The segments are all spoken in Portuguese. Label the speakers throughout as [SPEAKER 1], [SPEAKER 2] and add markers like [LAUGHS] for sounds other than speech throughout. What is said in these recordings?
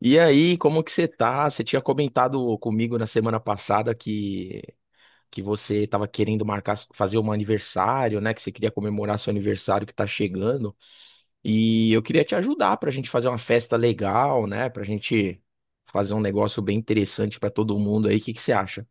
[SPEAKER 1] E aí, como que você tá? Você tinha comentado comigo na semana passada que você estava querendo marcar, fazer um aniversário, né? Que você queria comemorar seu aniversário que tá chegando. E eu queria te ajudar pra gente fazer uma festa legal, né? Pra gente fazer um negócio bem interessante pra todo mundo aí. O que que você acha?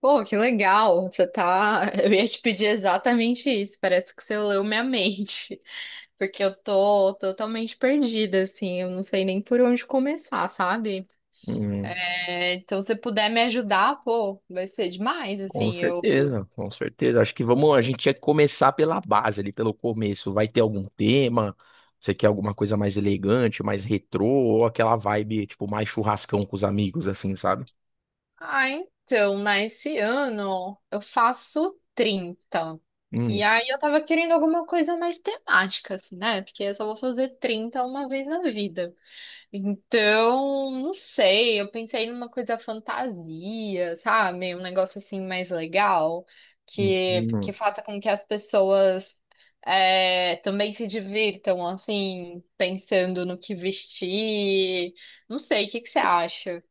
[SPEAKER 2] Pô, que legal. Você tá. [LAUGHS] Eu ia te pedir exatamente isso. Parece que você leu minha mente. [LAUGHS] Porque eu tô totalmente perdida, assim. Eu não sei nem por onde começar, sabe?
[SPEAKER 1] Hum.
[SPEAKER 2] É, então, se você puder me ajudar, pô, vai ser demais,
[SPEAKER 1] Com
[SPEAKER 2] assim. Eu.
[SPEAKER 1] certeza, com certeza. Acho que vamos, a gente tinha que começar pela base ali, pelo começo. Vai ter algum tema? Você quer alguma coisa mais elegante, mais retrô, ou aquela vibe, tipo, mais churrascão com os amigos, assim, sabe?
[SPEAKER 2] Ah, então, né? Esse ano eu faço 30. E
[SPEAKER 1] Hum,
[SPEAKER 2] aí eu tava querendo alguma coisa mais temática, assim, né? Porque eu só vou fazer 30 uma vez na vida. Então, não sei, eu pensei numa coisa fantasia, sabe? Um negócio assim mais legal,
[SPEAKER 1] hum,
[SPEAKER 2] que
[SPEAKER 1] hum.
[SPEAKER 2] faça com que as pessoas é, também se divirtam, assim, pensando no que vestir. Não sei, o que que você acha?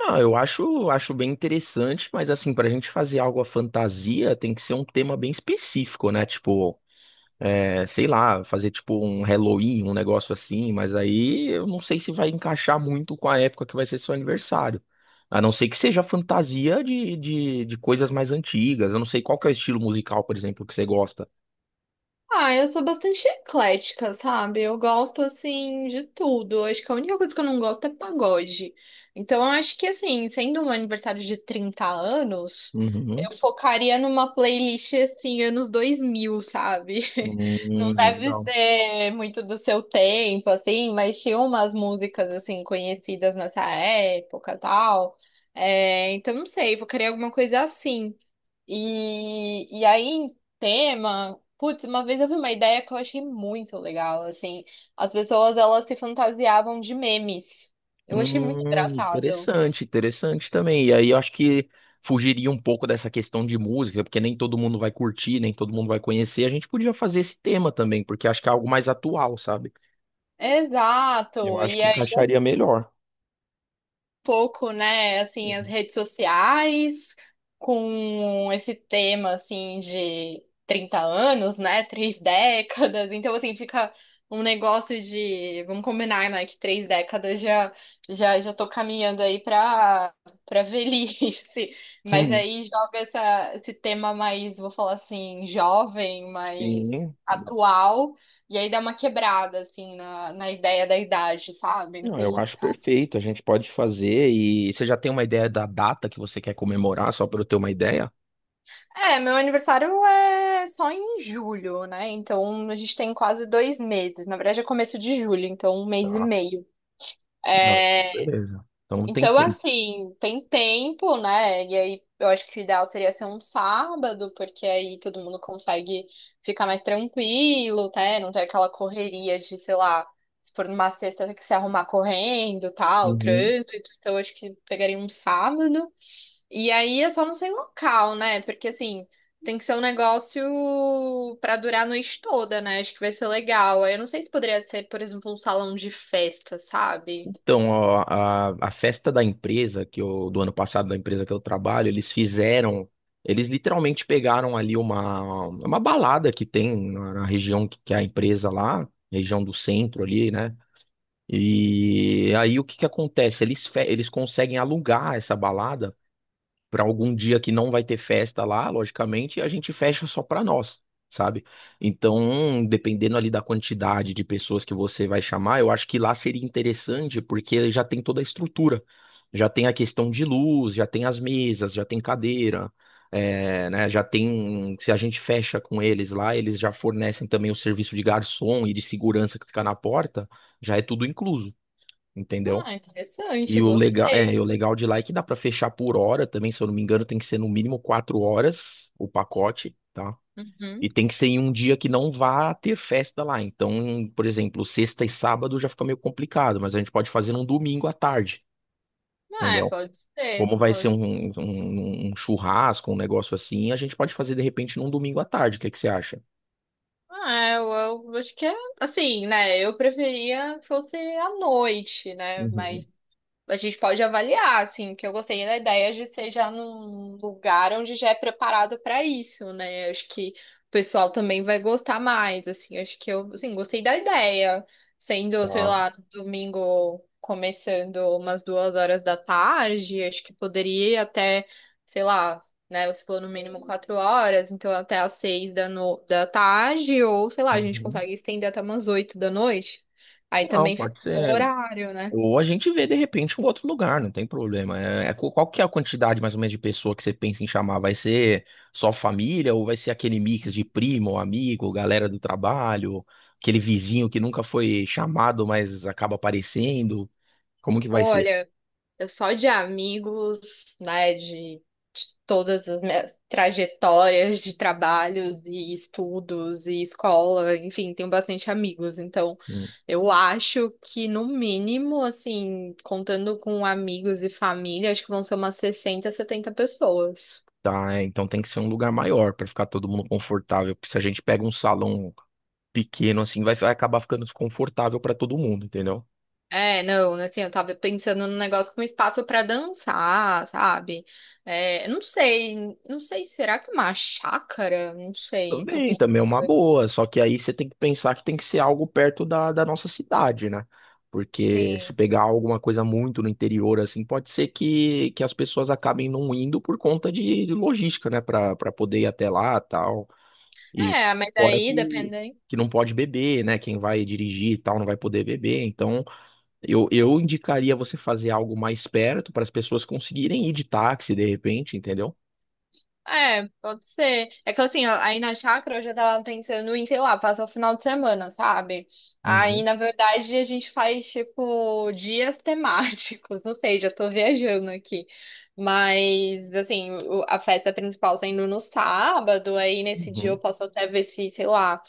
[SPEAKER 1] Ah, eu acho bem interessante, mas assim, pra gente fazer algo à fantasia, tem que ser um tema bem específico, né? Tipo, é, sei lá, fazer tipo um Halloween, um negócio assim, mas aí eu não sei se vai encaixar muito com a época que vai ser seu aniversário. A não ser que seja fantasia de coisas mais antigas. Eu não sei qual que é o estilo musical, por exemplo, que você gosta.
[SPEAKER 2] Ah, eu sou bastante eclética, sabe? Eu gosto, assim, de tudo. Eu Acho que a única coisa que eu não gosto é pagode. Então, eu acho que, assim, sendo um aniversário de 30 anos,
[SPEAKER 1] Uhum.
[SPEAKER 2] eu focaria numa playlist, assim, anos 2000, sabe? [LAUGHS] Não deve
[SPEAKER 1] Legal.
[SPEAKER 2] ser muito do seu tempo, assim, mas tinha umas músicas, assim, conhecidas nessa época, e tal. É, então, não sei, focaria alguma coisa assim. E aí, em tema, putz, uma vez eu vi uma ideia que eu achei muito legal, assim, as pessoas, elas se fantasiavam de memes. Eu achei muito engraçado.
[SPEAKER 1] Interessante, interessante também. E aí eu acho que fugiria um pouco dessa questão de música, porque nem todo mundo vai curtir, nem todo mundo vai conhecer. A gente podia fazer esse tema também, porque acho que é algo mais atual, sabe? Eu
[SPEAKER 2] Exato.
[SPEAKER 1] acho que
[SPEAKER 2] E
[SPEAKER 1] encaixaria melhor.
[SPEAKER 2] pouco, né, assim, as
[SPEAKER 1] Uhum.
[SPEAKER 2] redes sociais com esse tema, assim, de 30 anos, né, [LAUGHS] três décadas. Então, assim, fica um negócio de, vamos combinar, né, que três décadas já tô caminhando aí para velhice. [LAUGHS] Mas
[SPEAKER 1] Hum,
[SPEAKER 2] aí joga esse tema mais, vou falar assim, jovem, mais
[SPEAKER 1] sim.
[SPEAKER 2] atual, e aí dá uma quebrada, assim, na ideia da idade, sabe? Não
[SPEAKER 1] Não,
[SPEAKER 2] sei.
[SPEAKER 1] eu acho perfeito. A gente pode fazer. E você já tem uma ideia da data que você quer comemorar, só para eu ter uma ideia?
[SPEAKER 2] É, meu aniversário é só em julho, né? Então a gente tem quase 2 meses. Na verdade, é começo de julho, então um mês e
[SPEAKER 1] Tá.
[SPEAKER 2] meio.
[SPEAKER 1] Não,
[SPEAKER 2] É,
[SPEAKER 1] beleza. Então não tem
[SPEAKER 2] então,
[SPEAKER 1] tempo.
[SPEAKER 2] assim, tem tempo, né? E aí eu acho que o ideal seria ser um sábado, porque aí todo mundo consegue ficar mais tranquilo, né? Não ter aquela correria de, sei lá, se for numa sexta, ter que se arrumar correndo, tal,
[SPEAKER 1] Uhum.
[SPEAKER 2] trânsito. Então, eu acho que pegaria um sábado. E aí eu só não sei o local, né? Porque assim, tem que ser um negócio pra durar a noite toda, né? Acho que vai ser legal. Aí eu não sei se poderia ser, por exemplo, um salão de festa, sabe?
[SPEAKER 1] Então, ó, a festa da empresa que eu, do ano passado, da empresa que eu trabalho, eles fizeram, eles literalmente pegaram ali uma balada que tem na região que é a empresa lá, região do centro ali, né? E aí o que que acontece? Eles conseguem alugar essa balada para algum dia que não vai ter festa lá, logicamente, e a gente fecha só para nós, sabe? Então, dependendo ali da quantidade de pessoas que você vai chamar, eu acho que lá seria interessante porque já tem toda a estrutura. Já tem a questão de luz, já tem as mesas, já tem cadeira, é, né? Já tem. Se a gente fecha com eles lá, eles já fornecem também o serviço de garçom e de segurança que fica na porta, já é tudo incluso, entendeu?
[SPEAKER 2] Ah, interessante,
[SPEAKER 1] E o legal, é,
[SPEAKER 2] gostei.
[SPEAKER 1] e o legal de lá é que dá pra fechar por hora também, se eu não me engano, tem que ser no mínimo 4 horas o pacote, tá?
[SPEAKER 2] Uhum.
[SPEAKER 1] E tem que ser em um dia que não vá ter festa lá. Então, por exemplo, sexta e sábado já fica meio complicado, mas a gente pode fazer num domingo à tarde,
[SPEAKER 2] Ah, é,
[SPEAKER 1] entendeu?
[SPEAKER 2] pode ser.
[SPEAKER 1] Como vai ser
[SPEAKER 2] Pode...
[SPEAKER 1] um churrasco, um negócio assim, a gente pode fazer de repente num domingo à tarde. O que que você acha?
[SPEAKER 2] Ah, eu, eu acho que é assim, né? Eu preferia que fosse à noite, né?
[SPEAKER 1] Uhum.
[SPEAKER 2] Mas a gente pode avaliar, assim, que eu gostei da ideia de ser já num lugar onde já é preparado para isso, né? Eu Acho que o pessoal também vai gostar mais, assim. Eu Acho que eu, assim, gostei da ideia, sendo, sei
[SPEAKER 1] Tá.
[SPEAKER 2] lá, domingo começando umas 2 horas da tarde, acho que poderia até, sei lá, né? Você falou no mínimo 4 horas, então até às 6 da, no... da tarde, ou sei lá, a gente
[SPEAKER 1] Uhum.
[SPEAKER 2] consegue estender até umas 8 da noite. Aí
[SPEAKER 1] Não,
[SPEAKER 2] também fica
[SPEAKER 1] pode
[SPEAKER 2] um bom
[SPEAKER 1] ser.
[SPEAKER 2] horário, né?
[SPEAKER 1] Ou a gente vê de repente um outro lugar, não tem problema. É, qual que é a quantidade mais ou menos de pessoa que você pensa em chamar? Vai ser só família ou vai ser aquele mix de primo, amigo, galera do trabalho, aquele vizinho que nunca foi chamado, mas acaba aparecendo? Como que vai ser?
[SPEAKER 2] Olha, eu só de amigos, né, de todas as minhas trajetórias de trabalhos e estudos e escola, enfim, tenho bastante amigos. Então,
[SPEAKER 1] Hum,
[SPEAKER 2] eu acho que no mínimo, assim, contando com amigos e família, acho que vão ser umas 60, 70 pessoas.
[SPEAKER 1] tá, é, então tem que ser um lugar maior para ficar todo mundo confortável, porque se a gente pega um salão pequeno assim, vai acabar ficando desconfortável para todo mundo, entendeu?
[SPEAKER 2] É, não, assim, eu tava pensando num negócio com espaço pra dançar, sabe? É, não sei, será que uma chácara? Não sei, tô
[SPEAKER 1] Também, também é
[SPEAKER 2] pensando
[SPEAKER 1] uma boa,
[SPEAKER 2] aqui.
[SPEAKER 1] só que aí você tem que pensar que tem que ser algo perto da nossa cidade, né? Porque se
[SPEAKER 2] Sim.
[SPEAKER 1] pegar alguma coisa muito no interior, assim, pode ser que as pessoas acabem não indo por conta de logística, né? Pra poder ir até lá tal. E
[SPEAKER 2] É, mas
[SPEAKER 1] fora
[SPEAKER 2] daí
[SPEAKER 1] que,
[SPEAKER 2] dependendo.
[SPEAKER 1] que não pode beber, né? Quem vai dirigir e tal não vai poder beber. Então, eu indicaria você fazer algo mais perto para as pessoas conseguirem ir de táxi, de repente, entendeu?
[SPEAKER 2] É, pode ser. É que assim, ó, aí na chácara eu já tava pensando em, sei lá, passar o final de semana, sabe? Aí,
[SPEAKER 1] Uhum,
[SPEAKER 2] na verdade, a gente faz, tipo, dias temáticos. [LAUGHS] Não sei, já tô viajando aqui. Mas, assim, a festa principal sendo no sábado, aí nesse dia eu
[SPEAKER 1] uhum.
[SPEAKER 2] posso até ver se, sei lá,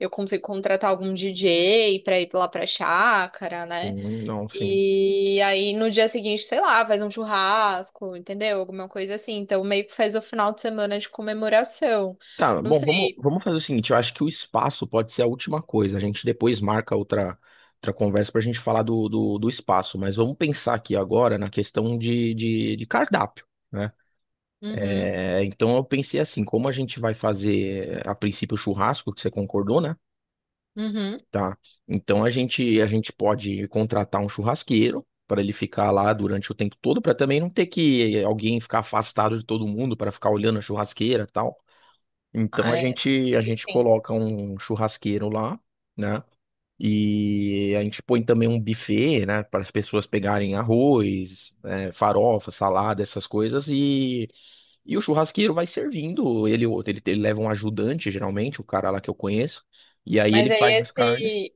[SPEAKER 2] eu consigo contratar algum DJ pra ir lá pra chácara, né?
[SPEAKER 1] Sim, não, sim.
[SPEAKER 2] E aí no dia seguinte, sei lá, faz um churrasco, entendeu? Alguma coisa assim. Então meio que faz o final de semana de comemoração.
[SPEAKER 1] Tá,
[SPEAKER 2] Não
[SPEAKER 1] bom, vamos,
[SPEAKER 2] sei.
[SPEAKER 1] vamos fazer o seguinte, eu acho que o espaço pode ser a última coisa. A gente depois marca outra conversa pra gente falar do espaço, mas vamos pensar aqui agora na questão de cardápio, né?
[SPEAKER 2] Uhum,
[SPEAKER 1] É, então eu pensei assim, como a gente vai fazer a princípio o churrasco, que você concordou, né?
[SPEAKER 2] uhum.
[SPEAKER 1] Tá. Então a gente pode contratar um churrasqueiro para ele ficar lá durante o tempo todo, para também não ter que alguém ficar afastado de todo mundo para ficar olhando a churrasqueira e tal. Então
[SPEAKER 2] Ah,
[SPEAKER 1] a
[SPEAKER 2] é.
[SPEAKER 1] gente a gente
[SPEAKER 2] Sim.
[SPEAKER 1] coloca um churrasqueiro lá, né? E a gente põe também um buffet, né, para as pessoas pegarem arroz, farofa, salada, essas coisas e o churrasqueiro vai servindo, ele leva um ajudante, geralmente, o cara lá que eu conheço, e aí
[SPEAKER 2] Mas
[SPEAKER 1] ele
[SPEAKER 2] aí
[SPEAKER 1] faz as carnes.
[SPEAKER 2] esse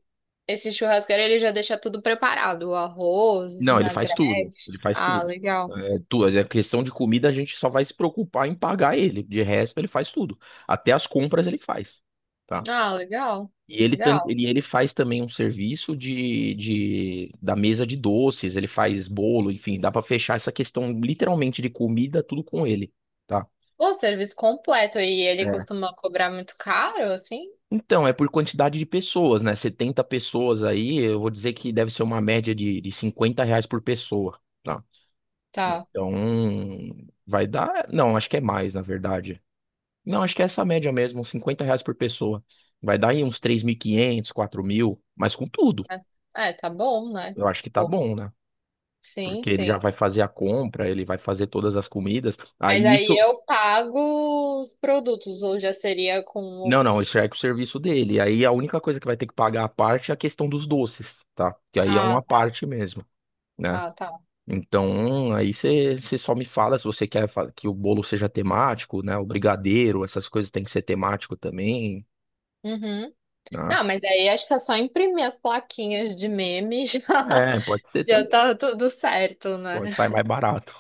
[SPEAKER 2] esse churrasqueiro ele já deixa tudo preparado, o arroz, o
[SPEAKER 1] Não, ele faz tudo, ele
[SPEAKER 2] vinagrete.
[SPEAKER 1] faz
[SPEAKER 2] Ah,
[SPEAKER 1] tudo.
[SPEAKER 2] legal.
[SPEAKER 1] É questão de comida, a gente só vai se preocupar em pagar ele, de resto ele faz tudo. Até as compras ele faz, tá?
[SPEAKER 2] Ah, legal.
[SPEAKER 1] E ele, tan-
[SPEAKER 2] Legal.
[SPEAKER 1] ele, ele faz também um serviço de da mesa de doces, ele faz bolo, enfim, dá pra fechar essa questão literalmente de comida, tudo com ele, tá?
[SPEAKER 2] O serviço completo e ele
[SPEAKER 1] É.
[SPEAKER 2] costuma cobrar muito caro, assim?
[SPEAKER 1] Então, é por quantidade de pessoas, né? 70 pessoas aí, eu vou dizer que deve ser uma média de R$ 50 por pessoa, tá?
[SPEAKER 2] Tá.
[SPEAKER 1] Então, vai dar. Não, acho que é mais, na verdade. Não, acho que é essa média mesmo, R$ 50 por pessoa. Vai dar aí uns 3.500, 4.000 mas com tudo.
[SPEAKER 2] É, é, tá bom, né?
[SPEAKER 1] Eu acho que tá
[SPEAKER 2] Pô,
[SPEAKER 1] bom, né?
[SPEAKER 2] sim,
[SPEAKER 1] Porque ele já
[SPEAKER 2] sim.
[SPEAKER 1] vai fazer a compra, ele vai fazer todas as comidas.
[SPEAKER 2] Mas
[SPEAKER 1] Aí
[SPEAKER 2] aí
[SPEAKER 1] isso,
[SPEAKER 2] eu pago os produtos, ou já seria com
[SPEAKER 1] não,
[SPEAKER 2] o.
[SPEAKER 1] não, isso já é com o serviço dele. Aí a única coisa que vai ter que pagar à parte é a questão dos doces, tá? Que aí é
[SPEAKER 2] Ah,
[SPEAKER 1] uma
[SPEAKER 2] tá,
[SPEAKER 1] parte mesmo, né?
[SPEAKER 2] ah, tá.
[SPEAKER 1] Então, aí você só me fala se você quer que o bolo seja temático, né? O brigadeiro, essas coisas tem que ser temático também,
[SPEAKER 2] Uhum.
[SPEAKER 1] né?
[SPEAKER 2] Não, mas aí acho que é só imprimir as plaquinhas de meme [LAUGHS] já.
[SPEAKER 1] É, pode ser
[SPEAKER 2] Já
[SPEAKER 1] também.
[SPEAKER 2] tá tudo certo, né?
[SPEAKER 1] Pode sair mais barato.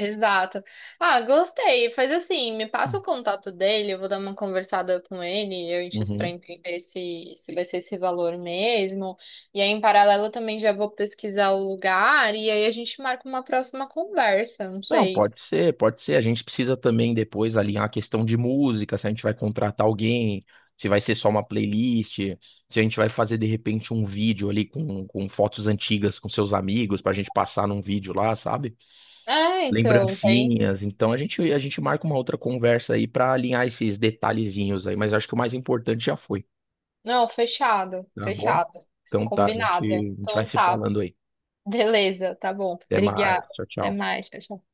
[SPEAKER 2] Exato. Ah, gostei. Faz assim, me passa o
[SPEAKER 1] [LAUGHS]
[SPEAKER 2] contato dele, eu vou dar uma conversada com ele, eu enxo pra
[SPEAKER 1] Uhum.
[SPEAKER 2] entender se vai ser esse valor mesmo. E aí, em paralelo, eu também já vou pesquisar o lugar e aí a gente marca uma próxima conversa, não
[SPEAKER 1] Não,
[SPEAKER 2] sei.
[SPEAKER 1] pode ser, pode ser. A gente precisa também depois alinhar a questão de música, se a gente vai contratar alguém, se vai ser só uma playlist, se a gente vai fazer de repente um vídeo ali com fotos antigas com seus amigos pra gente passar num vídeo lá, sabe?
[SPEAKER 2] É, então, tem.
[SPEAKER 1] Lembrancinhas. Então a gente marca uma outra conversa aí pra alinhar esses detalhezinhos aí, mas acho que o mais importante já foi,
[SPEAKER 2] Não, fechado,
[SPEAKER 1] tá bom?
[SPEAKER 2] fechado.
[SPEAKER 1] Então tá, a gente,
[SPEAKER 2] Combinado.
[SPEAKER 1] a gente vai
[SPEAKER 2] Então
[SPEAKER 1] se
[SPEAKER 2] tá.
[SPEAKER 1] falando aí.
[SPEAKER 2] Beleza, tá bom.
[SPEAKER 1] Até mais,
[SPEAKER 2] Obrigada.
[SPEAKER 1] tchau,
[SPEAKER 2] Até
[SPEAKER 1] tchau.
[SPEAKER 2] mais, pessoal.